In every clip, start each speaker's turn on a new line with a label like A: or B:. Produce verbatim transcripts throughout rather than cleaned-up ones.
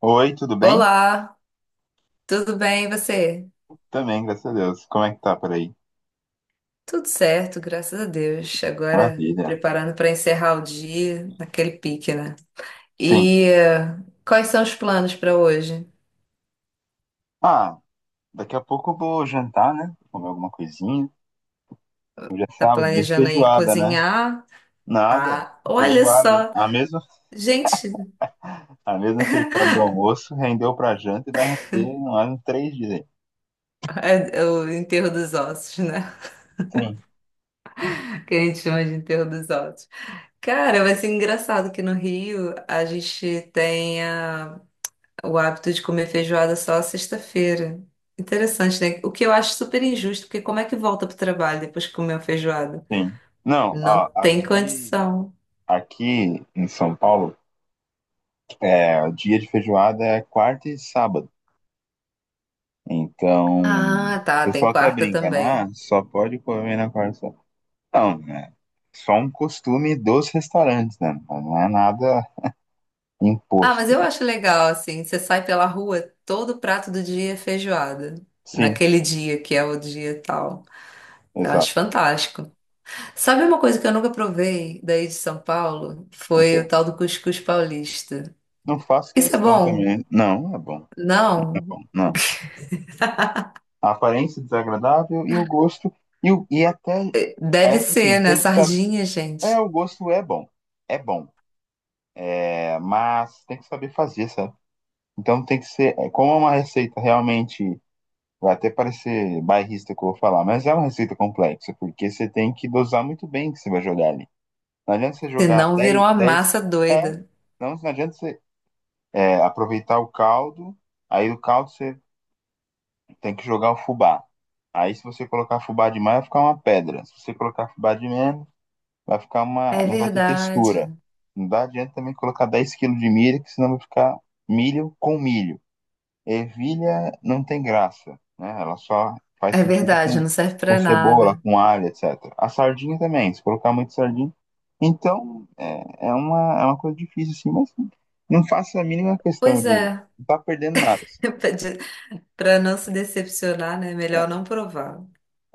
A: Oi, tudo bem?
B: Olá, tudo bem e você?
A: Também, graças a Deus. Como é que tá por aí?
B: Tudo certo, graças a Deus. Agora me
A: Maravilha.
B: preparando para encerrar o dia naquele pique, né?
A: Sim.
B: E eh, quais são os planos para hoje?
A: Ah, daqui a pouco eu vou jantar, né? Comer alguma coisinha. Hoje é
B: Tá
A: sábado, dia de
B: planejando aí
A: feijoada, né?
B: cozinhar?
A: Nada.
B: Ah, olha
A: Feijoada.
B: só!
A: A mesma,
B: Gente,
A: a mesma feijoada do almoço rendeu pra janta e vai render mais uns três dias aí.
B: é é o enterro dos ossos, né?
A: Sim,
B: Que a gente chama de enterro dos ossos. Cara, vai ser engraçado que no Rio a gente tenha o hábito de comer feijoada só à sexta-feira. Interessante, né? O que eu acho super injusto, porque como é que volta pro trabalho depois que comeu feijoada?
A: sim. Não, ó,
B: Não tem
A: aqui,
B: condição.
A: aqui em São Paulo, é, o dia de feijoada é quarta e sábado. Então, o
B: Ah, tá, tem
A: pessoal até
B: quarta
A: brinca, né? Ah,
B: também.
A: só pode comer na quarta. Não, é só um costume dos restaurantes, né? Não é nada
B: Ah,
A: imposto.
B: mas eu acho legal, assim, você sai pela rua, todo prato do dia é feijoada.
A: Sim,
B: Naquele dia que é o dia tal. Eu
A: exato.
B: acho fantástico. Sabe uma coisa que eu nunca provei daí de São Paulo?
A: Ok.
B: Foi o tal do cuscuz paulista.
A: Não faço
B: Isso é
A: questão
B: bom?
A: também. Não, é bom. É
B: Não?
A: bom. Não. A aparência é desagradável e o gosto. E, o- e até.
B: Deve
A: É que assim,
B: ser, né?
A: tem que saber.
B: Sardinha,
A: É,
B: gente.
A: o gosto é bom. É bom. É, mas tem que saber fazer, sabe? Então tem que ser, é, como é uma receita realmente. Vai até parecer bairrista que eu vou falar, mas é uma receita complexa, porque você tem que dosar muito bem o que você vai jogar ali. Não adianta você jogar
B: Senão viram
A: dez
B: uma
A: dez
B: massa
A: é,
B: doida.
A: não, não adianta você, é, aproveitar o caldo, aí o caldo você tem que jogar o fubá. Aí se você colocar fubá demais, vai ficar uma pedra. Se você colocar fubá de menos, vai ficar uma,
B: É
A: não vai ter textura.
B: verdade.
A: Não dá adianta também colocar dez quilos de milho, que senão vai ficar milho com milho ervilha não tem graça, né? Ela só faz
B: É
A: sentido
B: verdade,
A: com,
B: não serve
A: com
B: pra
A: cebola,
B: nada.
A: com alho, etcétera. A sardinha também, se colocar muito sardinha. Então, é, é uma, é uma coisa difícil, assim, mas não faço a mínima questão
B: Pois
A: de
B: é.
A: não tá perdendo nada, assim.
B: Pra de- Pra não se decepcionar, né? Melhor não provar.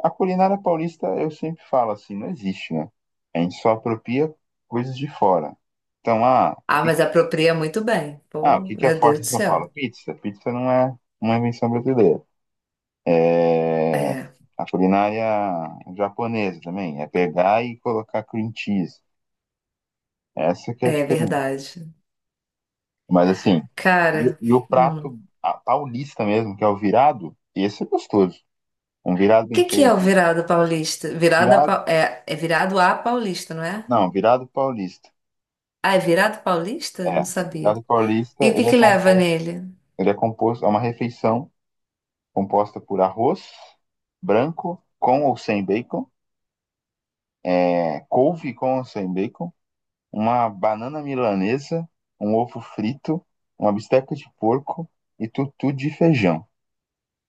A: A culinária paulista, eu sempre falo assim, não existe, né? A gente só apropria coisas de fora. Então, ah, o
B: Ah,
A: que,
B: mas
A: que-
B: apropria muito bem.
A: ah, o
B: Pô,
A: que que é
B: meu Deus
A: forte em
B: do
A: São Paulo?
B: céu.
A: Pizza. Pizza não é uma invenção brasileira. É,
B: É,
A: a culinária japonesa também, é pegar e colocar cream cheese. Essa que é a
B: é
A: diferença.
B: verdade.
A: Mas assim, e, o-
B: Cara,
A: e o
B: hum.
A: prato
B: o
A: a paulista mesmo, que é o virado, esse é gostoso. Um virado bem
B: que que é o
A: feito.
B: virado paulista? Virada
A: Virado,
B: pa- é, é virado a paulista, não é?
A: não, virado paulista.
B: Ah, é virado paulista? Não
A: É,
B: sabia.
A: virado paulista,
B: E o que
A: ele é
B: que leva
A: composto,
B: nele?
A: ele é composto, é uma refeição composta por arroz branco com ou sem bacon, é, couve com ou sem bacon, uma banana milanesa, um ovo frito, uma bisteca de porco e tutu de feijão.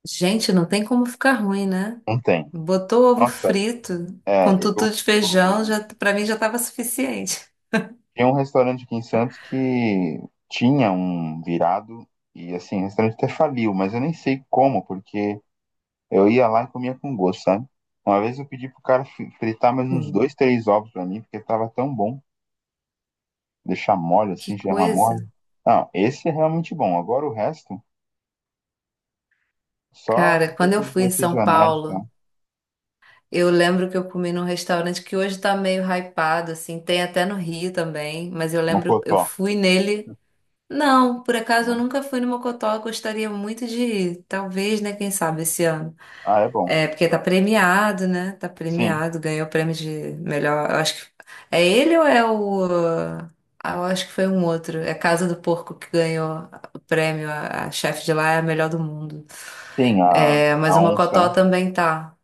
B: Gente, não tem como ficar ruim, né?
A: Não tem.
B: Botou ovo
A: Nossa,
B: frito
A: é,
B: com tutu
A: eu,
B: de feijão,
A: eu
B: já para mim já estava suficiente.
A: tinha um restaurante aqui em Santos que tinha um virado e assim, o restaurante até faliu, mas eu nem sei como, porque eu ia lá e comia com gosto, sabe? Uma vez eu pedi pro cara fri- fritar mais uns
B: Sim.
A: dois, três ovos pra mim, porque tava tão bom. Deixar mole
B: Que
A: assim, gema
B: coisa.
A: mole. Não, esse é realmente bom. Agora o resto, só
B: Cara,
A: essas
B: quando eu
A: coisinhas
B: fui em
A: mais
B: São
A: regionais, tá?
B: Paulo, eu lembro que eu comi num restaurante que hoje tá meio hypado, assim, tem até no Rio também, mas eu lembro, eu
A: Mocotó,
B: fui nele. Não, por acaso eu
A: né?
B: nunca fui no Mocotó, eu gostaria muito de ir. Talvez, né? Quem sabe esse ano.
A: Ah, é bom.
B: É, porque tá premiado, né? Tá
A: Sim,
B: premiado, ganhou o prêmio de melhor. Eu acho que. É ele ou é o. Ah, eu acho que foi um outro. É Casa do Porco que ganhou o prêmio. A, a chefe de lá é a melhor do mundo.
A: sim, a,
B: É, mas
A: a
B: o
A: onça, né?
B: Mocotó também tá.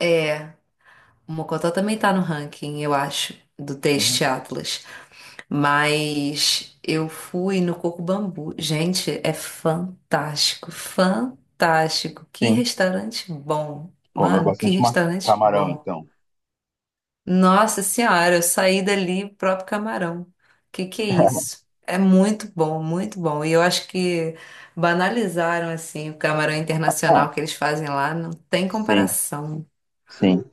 B: É, o Mocotó também tá no ranking, eu acho, do
A: Uhum.
B: Taste Atlas. Mas eu fui no Coco Bambu. Gente, é fantástico, fantástico. Que
A: Sim,
B: restaurante bom.
A: comeu
B: Mano, que
A: bastante ma-
B: restaurante
A: camarão,
B: bom.
A: então.
B: Nossa senhora, eu saí dali próprio camarão. Que que é isso? É muito bom, muito bom. E eu acho que banalizaram assim o camarão
A: Ah,
B: internacional que eles fazem lá, não tem
A: sim,
B: comparação.
A: sim.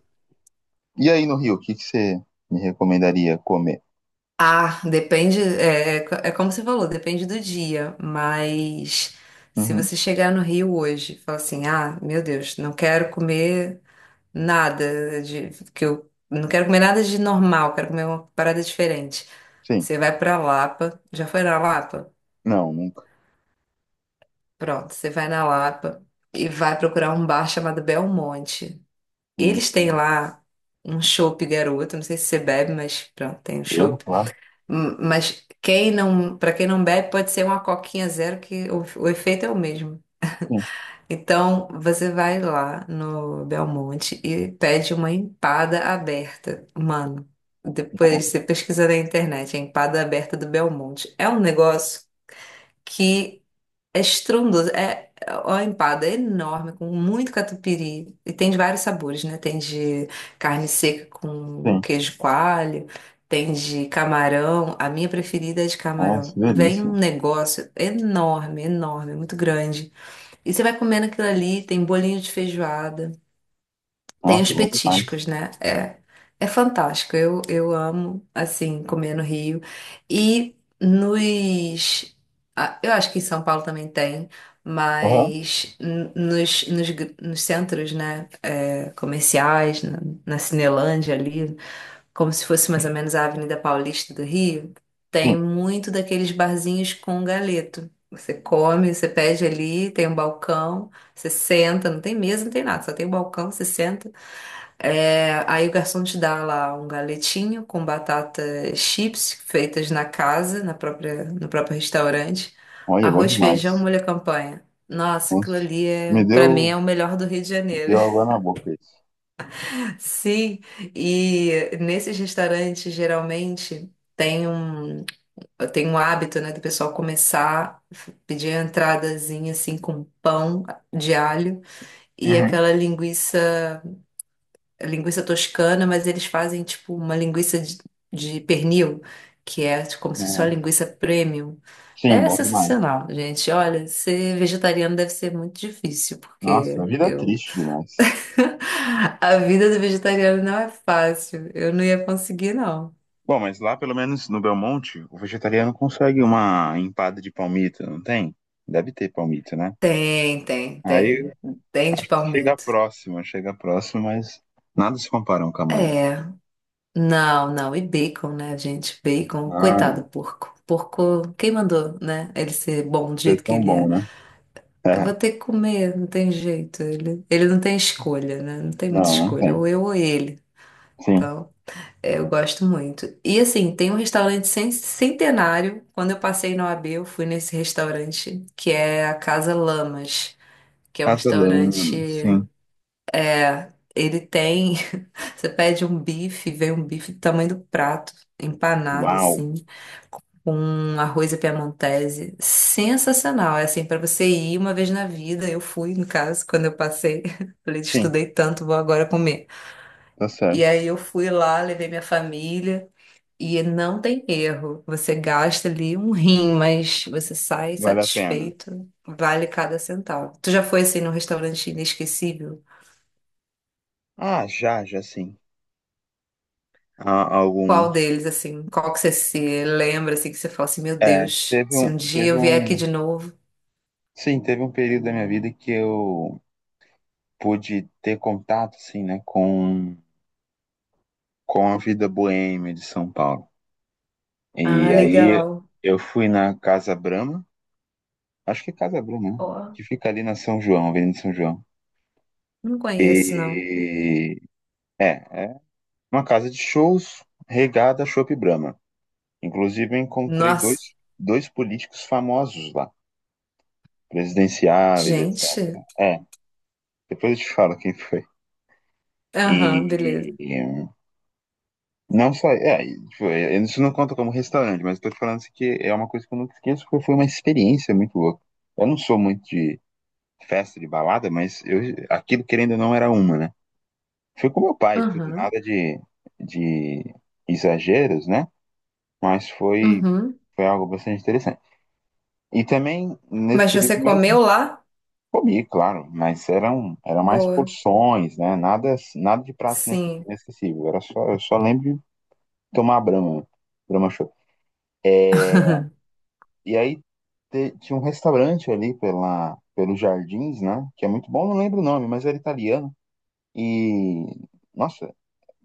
A: E aí no Rio, o que que você me recomendaria comer?
B: Ah, depende, é, é co- é como você falou, depende do dia, mas se
A: Uhum.
B: você chegar no Rio hoje e falar assim, ah, meu Deus, não quero comer nada, de que eu não quero comer nada de normal, quero comer uma parada diferente.
A: Sim,
B: Você vai pra Lapa, já foi na Lapa?
A: não, nunca.
B: Pronto, você vai na Lapa e vai procurar um bar chamado Belmonte.
A: Uhum.
B: Eles têm lá um chopp garoto, não sei se você bebe, mas pronto, tem um
A: Bebo,
B: chopp.
A: claro.
B: Hum, Mas quem não, para quem não bebe, pode ser uma coquinha zero, que o, o efeito é o mesmo.
A: Sim,
B: Então, você vai lá no Belmonte e pede uma empada aberta. Mano, depois você pesquisa na internet, a empada aberta do Belmonte. É um negócio que é estrondoso. É é uma empada enorme, com muito catupiry. E tem de vários sabores, né? Tem de carne seca com
A: sim.
B: queijo coalho, tem de camarão. A minha preferida é de
A: Nossa, que
B: camarão. Vem um
A: delícia.
B: negócio enorme, enorme, muito grande. E você vai comendo aquilo ali, tem bolinho de feijoada, tem
A: Nossa,
B: os
A: bom demais.
B: petiscos, né? É, é fantástico. Eu, eu amo, assim, comer no Rio. E nos. ah, Eu acho que em São Paulo também tem,
A: Aham,
B: mas n- nos, nos, gr- nos centros, né? É, comerciais, na, na Cinelândia ali como se fosse mais ou menos a Avenida Paulista do Rio,
A: sim,
B: tem muito daqueles barzinhos com galeto. Você come, você pede ali, tem um balcão, você senta, não tem mesa, não tem nada, só tem um balcão, você senta. É, aí o garçom te dá lá um galetinho com batatas chips feitas na casa, na própria, no próprio restaurante,
A: olha, bom
B: arroz, feijão,
A: demais.
B: molho à campanha. Nossa, aquilo
A: Nossa,
B: ali
A: me
B: é, para mim é
A: deu,
B: o melhor do Rio de
A: me
B: Janeiro.
A: deu água na boca isso.
B: Sim, e nesses restaurantes geralmente tem um, tem um hábito, né, do pessoal começar a pedir a entradazinha assim com pão de alho e
A: Uhum.
B: aquela linguiça, linguiça toscana, mas eles fazem tipo uma linguiça de, de pernil, que é tipo, como se fosse uma
A: Nossa.
B: linguiça premium.
A: Sim,
B: É
A: bom demais.
B: sensacional, gente. Olha, ser vegetariano deve ser muito difícil,
A: Nossa,
B: porque
A: a vida é
B: eu
A: triste demais.
B: A vida do vegetariano não é fácil. Eu não ia conseguir, não.
A: Bom, mas lá pelo menos no Belmonte, o vegetariano consegue uma empada de palmito, não tem? Deve ter palmito, né?
B: Tem, tem,
A: Aí
B: tem. Tem de
A: chega
B: palmito.
A: próximo, chega próximo, mas nada se compara a um camarão.
B: É. Não, não. E bacon, né, gente? Bacon.
A: Ah,
B: Coitado do porco. Porco, quem mandou, né? Ele ser bom do
A: isso é
B: jeito que
A: tão
B: ele
A: bom,
B: é.
A: né?
B: Eu
A: É,
B: vou ter que comer, não tem jeito. Ele, ele não tem escolha, né? Não tem muita
A: não, não
B: escolha.
A: tem.
B: Ou eu ou ele.
A: Sim.
B: Então. É. Eu gosto muito. E assim, tem um restaurante cen- centenário. Quando eu passei na O A B, eu fui nesse restaurante, que é a Casa Lamas, que é um restaurante.
A: Casalama, sim.
B: É, ele tem. Você pede um bife, vem um bife do tamanho do prato, empanado,
A: Uau.
B: assim, com um arroz à piamontese. Sensacional. É assim, para você ir uma vez na vida. Eu fui, no caso, quando eu passei. Falei,
A: Sim,
B: estudei tanto, vou agora comer.
A: tá
B: E
A: certo.
B: aí eu fui lá, levei minha família. E não tem erro. Você gasta ali um rim, mas você sai
A: Vale a pena.
B: satisfeito. Vale cada centavo. Tu já foi assim num restaurante inesquecível?
A: Ah, já, já sim. Há
B: Qual
A: alguns.
B: deles, assim? Qual que você se lembra, assim, que você fala assim, meu
A: É,
B: Deus,
A: teve
B: se
A: um,
B: um dia
A: teve
B: eu vier aqui
A: um.
B: de novo.
A: Sim, teve um período da minha vida que eu pude ter contato, assim, né, com com a vida boêmia de São Paulo.
B: Ah,
A: E aí
B: legal.
A: eu fui na Casa Brahma, acho que é Casa Brahma, né,
B: Ó,
A: que fica ali na São João, Avenida São João.
B: não conheço, não.
A: E é, é uma casa de shows regada a Chopp Brahma. Inclusive eu encontrei dois,
B: Nossa,
A: dois políticos famosos lá, presidenciáveis, etcétera.
B: gente.
A: É, depois eu te falo quem foi.
B: Aham, beleza.
A: E não só. É, tipo, é, isso não conta como restaurante, mas eu tô falando assim que é uma coisa que eu nunca esqueço, porque foi uma experiência muito louca. Eu não sou muito de festa, de balada, mas eu, aquilo querendo ou não era uma, né? Fui com meu pai, tudo,
B: Aham,
A: nada de, de exageros, né? Mas foi,
B: uhum.
A: foi algo bastante interessante. E também, nesse
B: Mas
A: período
B: você
A: mesmo,
B: comeu lá?
A: comi, claro, mas eram, eram mais
B: Boa.
A: porções, né? Nada, nada de prato ine-
B: Sim.
A: inesquecível. Era só, eu só lembro de tomar Brahma, Brahma Chopp. E aí, te- tinha um restaurante ali pela, pelos jardins, né? Que é muito bom, não lembro o nome, mas era italiano. E, nossa,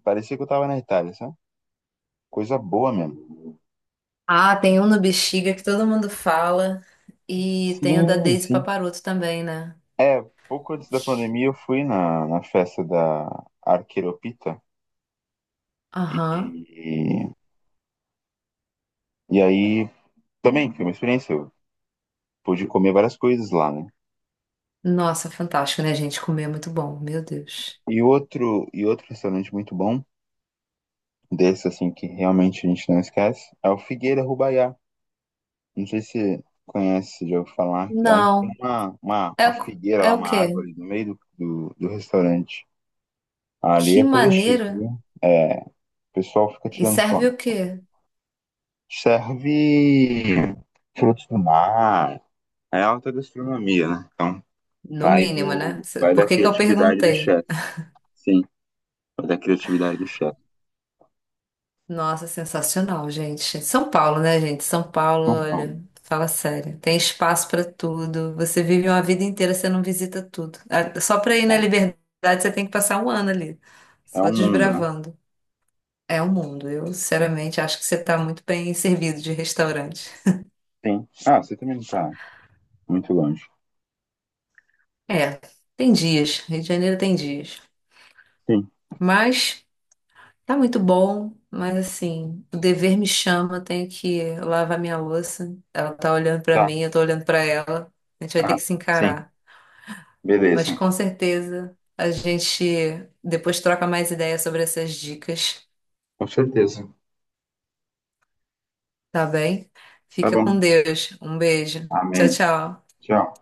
A: parecia que eu tava na Itália, sabe? Coisa boa mesmo.
B: Ah, tem um no Bexiga que todo mundo fala. E tem o da
A: Sim,
B: Deise
A: sim.
B: Paparoto também, né?
A: É, pouco antes da pandemia eu fui na, na festa da Arqueropita. E,
B: Aham.
A: e aí também foi uma experiência. Eu pude comer várias coisas lá, né?
B: Nossa, fantástico, né, gente? Comer é muito bom, meu Deus.
A: E outro, e outro restaurante muito bom, desse assim que realmente a gente não esquece, é o Figueira Rubaiá. Não sei se conhece, já ouviu falar. É um, tem
B: Não.
A: uma, uma,
B: É,
A: uma
B: o-
A: figueira lá,
B: é o
A: uma
B: quê?
A: árvore no meio do, do, do restaurante. Ali
B: Que
A: é coisa chique,
B: maneira?
A: viu? É, o pessoal fica
B: E
A: tirando
B: serve
A: foto.
B: o quê?
A: Serve frutos do mar. É alta gastronomia, né? Então,
B: No
A: vai
B: mínimo, né?
A: do, vai
B: Por
A: da
B: que que eu
A: criatividade do
B: perguntei?
A: chefe. Sim, vai da criatividade do chefe.
B: Nossa, sensacional, gente. São Paulo, né, gente? São Paulo,
A: Então,
B: olha, fala sério. Tem espaço pra tudo. Você vive uma vida inteira, você não visita tudo. Ah, só pra ir na
A: tá.
B: Liberdade, você tem que passar um ano ali,
A: É
B: só
A: um mundo, né?
B: desbravando. É o mundo. Eu, sinceramente, acho que você tá muito bem servido de restaurante.
A: Sim. Ah, você também não tá muito longe.
B: É, tem dias. Rio de Janeiro tem dias.
A: Sim.
B: Mas. Tá muito bom, mas assim, o dever me chama, eu tenho que lavar minha louça. Ela tá olhando pra
A: Tá.
B: mim, eu tô olhando pra ela. A gente vai ter
A: Ah,
B: que se
A: sim.
B: encarar. Mas
A: Beleza.
B: com certeza a gente depois troca mais ideias sobre essas dicas,
A: Com certeza.
B: tá bem?
A: Tá
B: Fica com
A: bom.
B: Deus. Um beijo. Tchau,
A: Amém.
B: tchau.
A: Tchau.